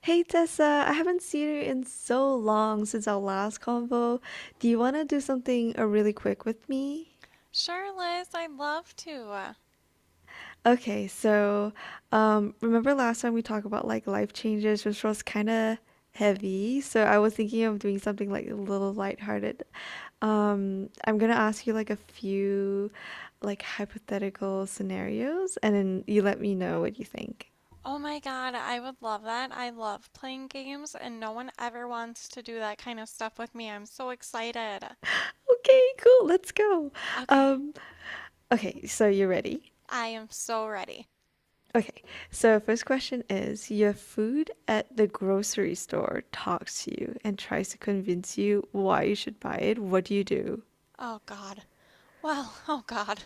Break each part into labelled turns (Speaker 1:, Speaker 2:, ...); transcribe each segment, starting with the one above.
Speaker 1: Hey Tessa, I haven't seen you in so long since our last convo. Do you want to do something really quick with me?
Speaker 2: Sure, Liz, I'd love to.
Speaker 1: Okay, so remember last time we talked about like life changes, which was kind of heavy. So I was thinking of doing something like a little lighthearted. I'm gonna ask you like a few like hypothetical scenarios, and then you let me know what you think.
Speaker 2: Oh my God, I would love that. I love playing games, and no one ever wants to do that kind of stuff with me. I'm so excited.
Speaker 1: Okay, cool. Let's go.
Speaker 2: Okay,
Speaker 1: Um, okay, so you ready?
Speaker 2: I am so ready.
Speaker 1: Okay, so first question is your food at the grocery store talks to you and tries to convince you why you should buy it. What do you do?
Speaker 2: Oh God. Well, oh God.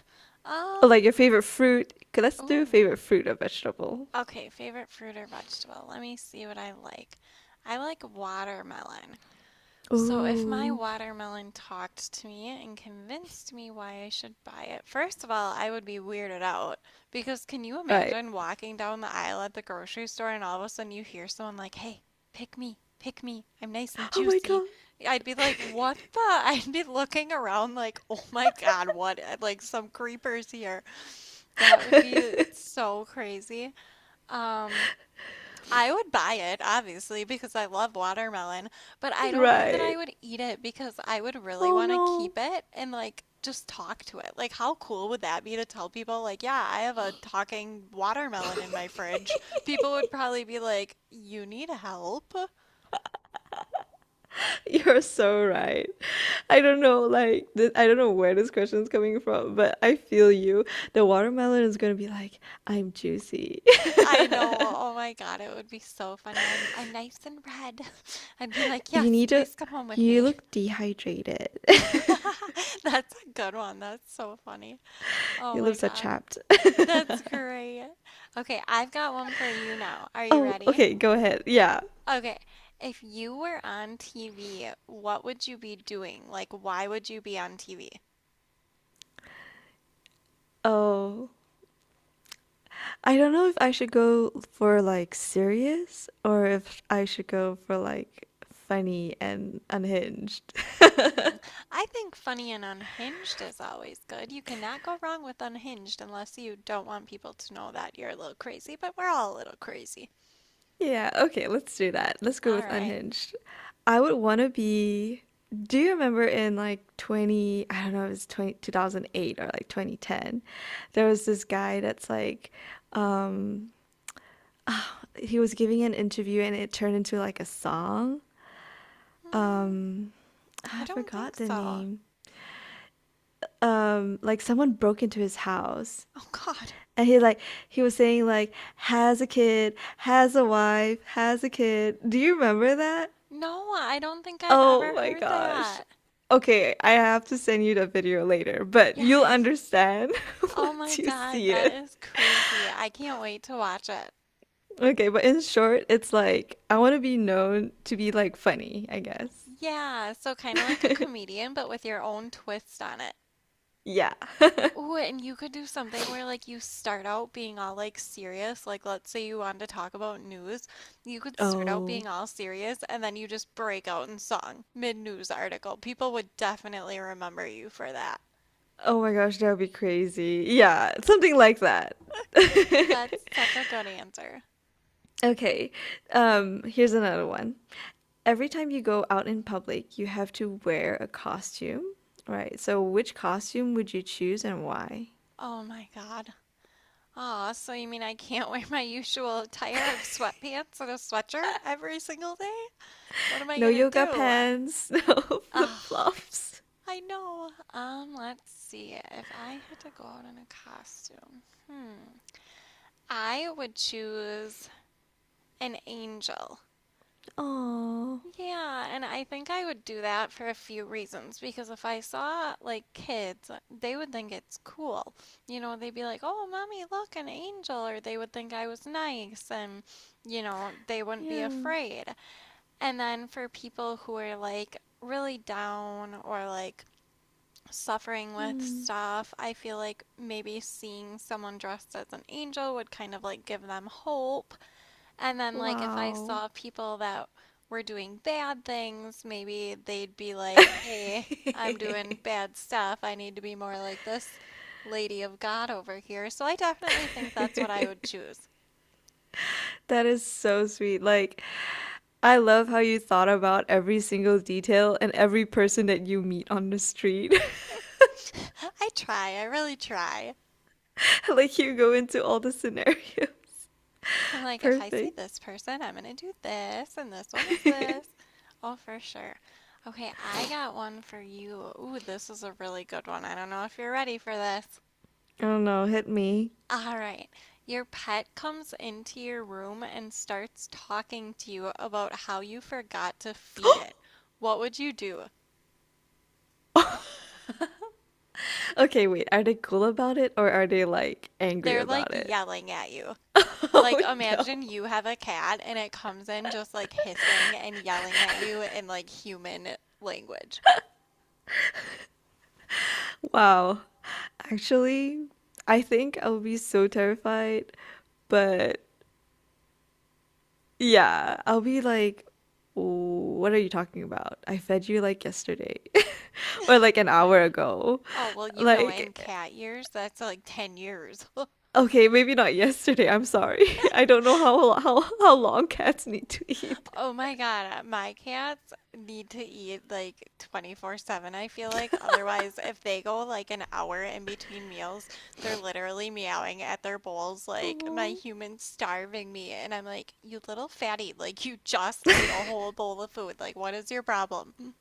Speaker 1: Or
Speaker 2: Um,
Speaker 1: like your favorite fruit. 'Kay, let's do
Speaker 2: Ooh.
Speaker 1: favorite fruit or vegetable.
Speaker 2: Okay, favorite fruit or vegetable. Let me see what I like. I like watermelon. So, if my
Speaker 1: Ooh,
Speaker 2: watermelon talked to me and convinced me why I should buy it, first of all, I would be weirded out. Because can you
Speaker 1: right.
Speaker 2: imagine walking down the aisle at the grocery store and all of a sudden you hear someone like, hey, pick me, I'm nice and
Speaker 1: Oh my
Speaker 2: juicy?
Speaker 1: God,
Speaker 2: I'd be like, what the? I'd be looking around like, oh my God, what? Like some creepers here. That would be so crazy. Um, I would buy it, obviously, because I love watermelon, but I don't know that I
Speaker 1: right.
Speaker 2: would eat it because I would really
Speaker 1: Oh
Speaker 2: want to keep
Speaker 1: no.
Speaker 2: it and like just talk to it. Like, how cool would that be to tell people, like, yeah, I have a talking watermelon in my fridge? People would probably be like, you need help.
Speaker 1: You're so right. I don't know, like, I don't know where this question is coming from, but I feel you. The watermelon is gonna be like, I'm juicy.
Speaker 2: I know. Oh my God, it would be so funny. I'm nice and red. I'd be like,
Speaker 1: You
Speaker 2: yes,
Speaker 1: need to
Speaker 2: please come home with
Speaker 1: You
Speaker 2: me.
Speaker 1: look dehydrated.
Speaker 2: That's a good one. That's so funny. Oh
Speaker 1: Your
Speaker 2: my
Speaker 1: lips are
Speaker 2: God.
Speaker 1: chapped.
Speaker 2: That's great. Okay, I've got one for you now. Are you
Speaker 1: Oh,
Speaker 2: ready?
Speaker 1: okay, go ahead. Yeah.
Speaker 2: Okay, if you were on TV, what would you be doing? Like, why would you be on TV?
Speaker 1: Oh, I don't know if I should go for like serious or if I should go for like funny and unhinged.
Speaker 2: Hmm. I think Funny and Unhinged is always good. You cannot go wrong with Unhinged unless you don't want people to know that you're a little crazy, but we're all a little crazy.
Speaker 1: Yeah, okay, let's do that. Let's go
Speaker 2: All
Speaker 1: with
Speaker 2: right.
Speaker 1: unhinged. I would want to be. Do you remember in like 20, I don't know, it was 20 2008 or like 2010, there was this guy that's like, um, he was giving an interview and it turned into like a song.
Speaker 2: Hmm,
Speaker 1: Um,
Speaker 2: I
Speaker 1: I
Speaker 2: don't think
Speaker 1: forgot the
Speaker 2: so.
Speaker 1: name. Like someone broke into his house
Speaker 2: Oh, God.
Speaker 1: and he was saying like has a kid, has a wife, has a kid. Do you remember that?
Speaker 2: No, I don't think I've
Speaker 1: Oh
Speaker 2: ever
Speaker 1: my
Speaker 2: heard
Speaker 1: gosh.
Speaker 2: that.
Speaker 1: Okay, I have to send you the video later, but you'll
Speaker 2: Yes.
Speaker 1: understand
Speaker 2: Oh my
Speaker 1: once you
Speaker 2: God,
Speaker 1: see
Speaker 2: that
Speaker 1: it.
Speaker 2: is crazy. I can't wait to watch it.
Speaker 1: Okay, but in short, it's like I want to be known to be like funny, I guess.
Speaker 2: Yeah, so kind of like a comedian, but with your own twist on it.
Speaker 1: Yeah.
Speaker 2: Ooh, and you could do something where like you start out being all like serious, like let's say you wanted to talk about news, you could start out being
Speaker 1: Oh.
Speaker 2: all serious and then you just break out in song mid-news article. People would definitely remember you for that.
Speaker 1: Oh my gosh, that would be crazy. Yeah, something like that.
Speaker 2: That's such a good answer.
Speaker 1: Okay, here's another one. Every time you go out in public, you have to wear a costume, right? So which costume would you choose and why?
Speaker 2: Oh my God. Aw, so you mean I can't wear my usual attire of sweatpants and a sweatshirt every single day? What am I
Speaker 1: No
Speaker 2: gonna
Speaker 1: yoga
Speaker 2: do?
Speaker 1: pants, no
Speaker 2: Ah,
Speaker 1: flip-flops.
Speaker 2: I know. Let's see. If I had to go out in a costume, hmm, I would choose an angel.
Speaker 1: Oh,
Speaker 2: Yeah, and I think I would do that for a few reasons because if I saw like kids, they would think it's cool. You know, they'd be like, "Oh, mommy, look, an angel," or they would think I was nice and, you know, they wouldn't be
Speaker 1: yeah.
Speaker 2: afraid. And then for people who are like really down or like suffering with
Speaker 1: Hmm.
Speaker 2: stuff, I feel like maybe seeing someone dressed as an angel would kind of like give them hope. And then, like, if I
Speaker 1: Wow.
Speaker 2: saw people that were doing bad things, maybe they'd be like, hey, I'm doing bad stuff. I need to be more like this lady of God over here. So I definitely think that's what I would choose.
Speaker 1: That is so sweet. Like, I love how you thought about every single detail and every person that you meet on the street.
Speaker 2: I try, I really try.
Speaker 1: Like, you go into all the scenarios.
Speaker 2: I'm like, if I see
Speaker 1: Perfect.
Speaker 2: this person, I'm gonna do this, and this one is this. Oh, for sure. Okay, I got one for you. Ooh, this is a really good one. I don't know if you're ready for this.
Speaker 1: Oh no, hit me.
Speaker 2: All right. Your pet comes into your room and starts talking to you about how you forgot to feed it. What would you do?
Speaker 1: Okay, wait, are they cool about it or are they like angry
Speaker 2: They're like
Speaker 1: about it?
Speaker 2: yelling at you. Like,
Speaker 1: Oh no.
Speaker 2: imagine you have a cat and it comes in just like hissing and yelling at you in like human language.
Speaker 1: Wow. Actually, I think I would be so terrified, but yeah, I'll be like, "What are you talking about? I fed you like yesterday or like an hour
Speaker 2: Right.
Speaker 1: ago."
Speaker 2: Oh, well, you know, in
Speaker 1: Like,
Speaker 2: cat years, that's like 10 years.
Speaker 1: okay, maybe not yesterday. I'm sorry. I don't know how long cats need to eat.
Speaker 2: Oh my God, my cats need to eat like 24/7, I feel like. Otherwise, if they go like an hour in between meals, they're literally meowing at their bowls like my
Speaker 1: Aw.
Speaker 2: human's starving me. And I'm like, you little fatty, like you just ate a whole bowl of food. Like, what is your problem?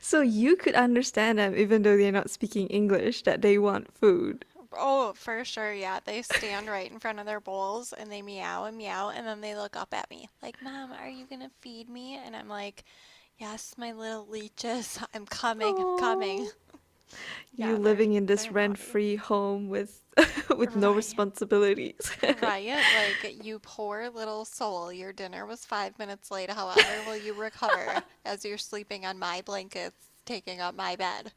Speaker 1: So you could understand them even though they're not speaking English that they want food.
Speaker 2: Oh, for sure. Yeah, they stand right in front of their bowls and they meow and meow. And then they look up at me like, Mom, are you gonna feed me? And I'm like, yes, my little leeches, I'm coming, I'm coming.
Speaker 1: Aww. You
Speaker 2: Yeah, they're
Speaker 1: living in this
Speaker 2: they're naughty.
Speaker 1: rent-free home with with no
Speaker 2: Ryan,
Speaker 1: responsibilities,
Speaker 2: Ryan, like you poor little soul. Your dinner was 5 minutes late. However, will you recover as you're sleeping on my blankets, taking up my bed?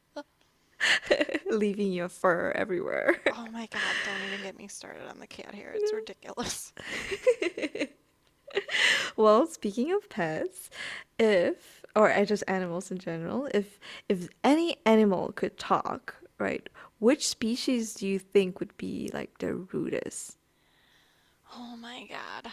Speaker 1: leaving your fur everywhere.
Speaker 2: Oh my God, don't even get me started on the cat hair. It's ridiculous.
Speaker 1: Well, speaking of pets, if or I just animals in general, if any animal could talk, right, which species do you think would be like the rudest?
Speaker 2: Oh my God.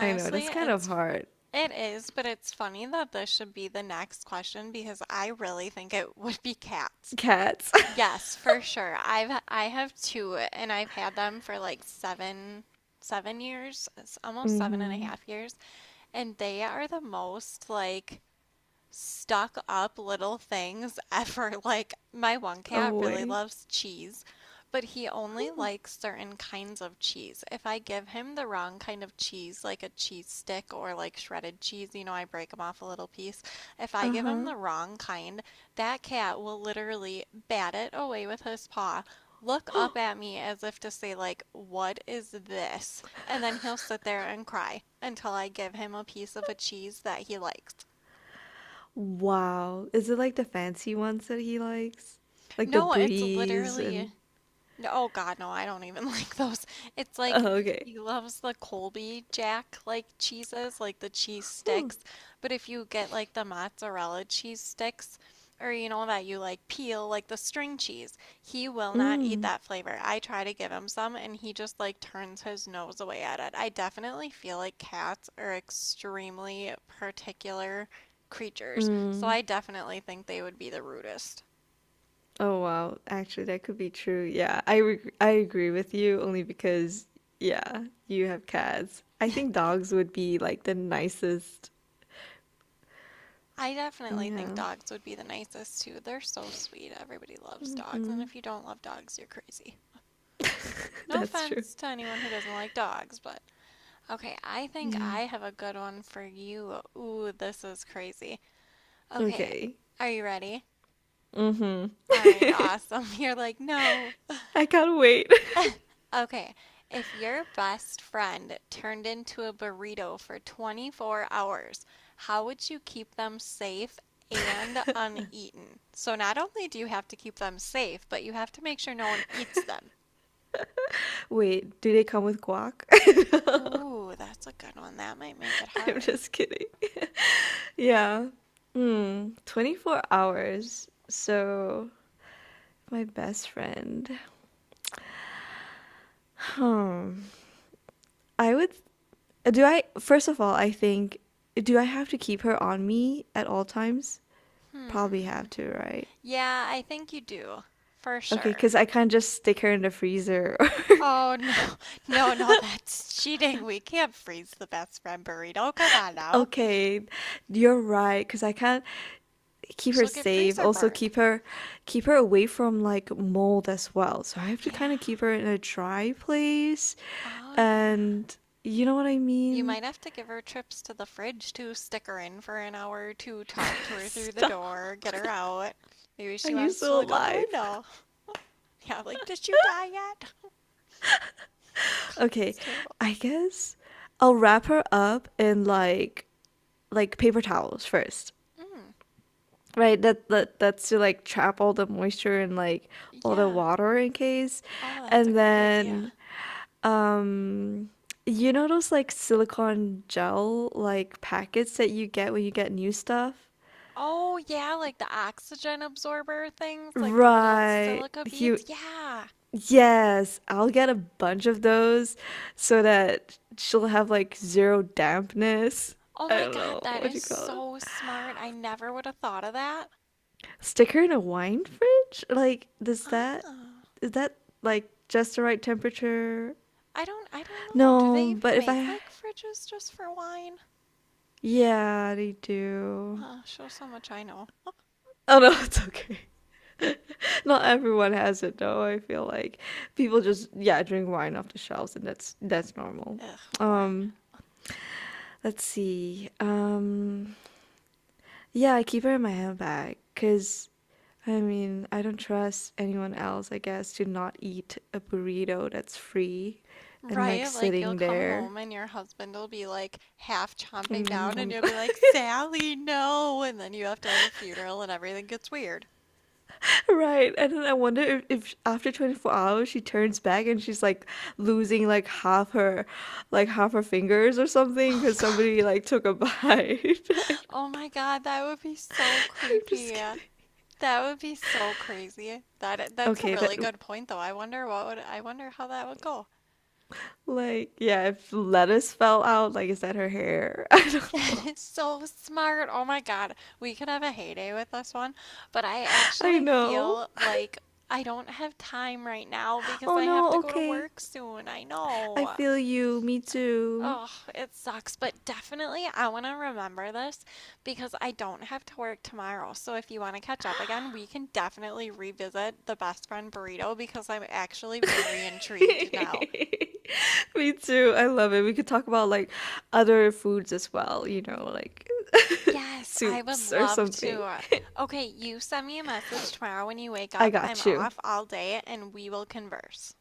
Speaker 1: I know that's kind of
Speaker 2: it's
Speaker 1: hard.
Speaker 2: it is, but it's funny that this should be the next question because I really think it would be cats.
Speaker 1: Cats.
Speaker 2: Yes, for sure. I have two and I've had them for like seven years. It's almost seven and a
Speaker 1: Mm-hmm.
Speaker 2: half years. And they are the most like stuck up little things ever. Like, my one cat really
Speaker 1: Away.
Speaker 2: loves cheese, but he only likes certain kinds of cheese. If I give him the wrong kind of cheese, like a cheese stick or like shredded cheese, you know, I break him off a little piece. If I give him
Speaker 1: Uh-huh.
Speaker 2: the wrong kind, that cat will literally bat it away with his paw. Look up at me as if to say, like, what is this? And then he'll sit there and cry until I give him a piece of a cheese that he likes.
Speaker 1: Wow. Is it like the fancy ones that he likes? Like the
Speaker 2: No, it's
Speaker 1: breeze and
Speaker 2: literally no, oh God, no, I don't even like those. It's like
Speaker 1: oh, okay.
Speaker 2: he loves the Colby Jack like cheeses, like the cheese sticks. But if you get like the mozzarella cheese sticks or you know that you like peel like the string cheese, he will not eat
Speaker 1: Mm.
Speaker 2: that flavor. I try to give him some and he just like turns his nose away at it. I definitely feel like cats are extremely particular creatures, so
Speaker 1: Mm.
Speaker 2: I definitely think they would be the rudest.
Speaker 1: Oh wow, actually that could be true. Yeah, I agree with you only because yeah, you have cats. I think dogs would be like the nicest.
Speaker 2: I definitely think
Speaker 1: Yeah,
Speaker 2: dogs would be the nicest too. They're so sweet. Everybody loves dogs, and if you don't love dogs, you're crazy. No
Speaker 1: that's true.
Speaker 2: offense to anyone who doesn't like dogs, but okay, I think
Speaker 1: Yeah.
Speaker 2: I have a good one for you. Ooh, this is crazy. Okay,
Speaker 1: Okay.
Speaker 2: are you ready?
Speaker 1: Mm-hmm.
Speaker 2: All right, awesome. You're like, no.
Speaker 1: I can't wait.
Speaker 2: Okay, if your best friend turned into a burrito for 24 hours, how would you keep them safe and uneaten? So not only do you have to keep them safe, but you have to make sure no one eats them.
Speaker 1: Wait, do they come with guac?
Speaker 2: Ooh, that's a good one. That might make it
Speaker 1: I'm
Speaker 2: hard.
Speaker 1: just kidding. Yeah. Hmm. 24 hours. So, my best friend. Hmm. I would Do I, first of all, I think, do I have to keep her on me at all times? Probably
Speaker 2: Hmm.
Speaker 1: have to, right?
Speaker 2: Yeah, I think you do. For
Speaker 1: Okay,
Speaker 2: sure.
Speaker 1: because I can't just stick her in the freezer.
Speaker 2: Oh, no. No, no, that's cheating. We can't freeze the best friend burrito. Come on now.
Speaker 1: Okay, you're right, because I can't keep her
Speaker 2: She'll get
Speaker 1: safe.
Speaker 2: freezer
Speaker 1: Also
Speaker 2: burned.
Speaker 1: keep her away from like mold as well. So I have to kind
Speaker 2: Yeah.
Speaker 1: of keep her in a dry place.
Speaker 2: Oh, yeah.
Speaker 1: And you know what I
Speaker 2: You
Speaker 1: mean?
Speaker 2: might have to give her trips to the fridge to stick her in for an hour or two, talk to her through the
Speaker 1: Stop.
Speaker 2: door, get her out. Maybe
Speaker 1: Are
Speaker 2: she
Speaker 1: you
Speaker 2: wants to
Speaker 1: still
Speaker 2: look out the
Speaker 1: alive?
Speaker 2: window. Yeah, like, did you die yet? God,
Speaker 1: Okay,
Speaker 2: that's terrible.
Speaker 1: I guess I'll wrap her up in like paper towels first,
Speaker 2: Mm,
Speaker 1: right? That's to like trap all the moisture and like all the
Speaker 2: yeah.
Speaker 1: water in case,
Speaker 2: Oh, that's a
Speaker 1: and
Speaker 2: great idea.
Speaker 1: then um you know those like silicone gel like packets that you get when you get new stuff?
Speaker 2: Oh, yeah, like the oxygen absorber things, like the little
Speaker 1: Right.
Speaker 2: silica
Speaker 1: You
Speaker 2: beads. Yeah.
Speaker 1: Yes, I'll get a bunch of those so that she'll have like zero dampness.
Speaker 2: Oh
Speaker 1: I
Speaker 2: my
Speaker 1: don't
Speaker 2: God,
Speaker 1: know
Speaker 2: that
Speaker 1: what
Speaker 2: is
Speaker 1: you call it.
Speaker 2: so smart. I never would have thought of that.
Speaker 1: Sticker in a wine fridge? Like, does that
Speaker 2: Ah,
Speaker 1: is that like just the right temperature?
Speaker 2: I don't know. Do they
Speaker 1: No, but
Speaker 2: even
Speaker 1: if
Speaker 2: make
Speaker 1: I
Speaker 2: like fridges just for wine?
Speaker 1: yeah, they do.
Speaker 2: Shows how much I know.
Speaker 1: Oh no, it's okay. Not everyone has it though. I feel like people just yeah drink wine off the shelves, and that's normal.
Speaker 2: Ugh, warm.
Speaker 1: Um, let's see. Yeah, I keep her in my handbag because I mean, I don't trust anyone else, I guess, to not eat a burrito that's free and like
Speaker 2: Right? Like, you'll
Speaker 1: sitting
Speaker 2: come
Speaker 1: there.
Speaker 2: home and your husband will be like half chomping down, and you'll be like, Sally, no! And then you have to have a funeral and everything gets weird.
Speaker 1: Right. And then I wonder if after 24 hours she turns back and she's like losing like half her fingers or something
Speaker 2: Oh,
Speaker 1: because somebody
Speaker 2: God.
Speaker 1: like took a bite. I'm
Speaker 2: Oh my God, that would be so
Speaker 1: just
Speaker 2: creepy.
Speaker 1: kidding.
Speaker 2: That would be so crazy. That's a
Speaker 1: Okay, that
Speaker 2: really good point, though. I wonder what would I wonder how that would go.
Speaker 1: like yeah, if lettuce fell out, like is that her hair? I don't
Speaker 2: That
Speaker 1: know.
Speaker 2: is so smart. Oh my God. We could have a heyday with this one. But I
Speaker 1: I
Speaker 2: actually
Speaker 1: know.
Speaker 2: feel like I don't have time right now because
Speaker 1: Oh
Speaker 2: I have to
Speaker 1: no,
Speaker 2: go to
Speaker 1: okay.
Speaker 2: work soon. I
Speaker 1: I
Speaker 2: know.
Speaker 1: feel you. Me too.
Speaker 2: Oh, it sucks. But definitely, I want to remember this because I don't have to work tomorrow. So if you want to catch up again, we can definitely revisit the best friend burrito because I'm actually very intrigued now.
Speaker 1: Me too. I love it. We could talk about like other foods as well, you know, like
Speaker 2: Yes, I would
Speaker 1: soups or
Speaker 2: love
Speaker 1: something.
Speaker 2: to. Okay, you send me a message tomorrow when you wake
Speaker 1: I
Speaker 2: up. I'm
Speaker 1: got you.
Speaker 2: off all day and we will converse.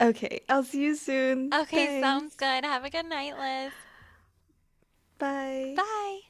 Speaker 1: Okay, I'll see you soon.
Speaker 2: Okay,
Speaker 1: Thanks.
Speaker 2: sounds good. Have a good night, Liz.
Speaker 1: Bye.
Speaker 2: Bye.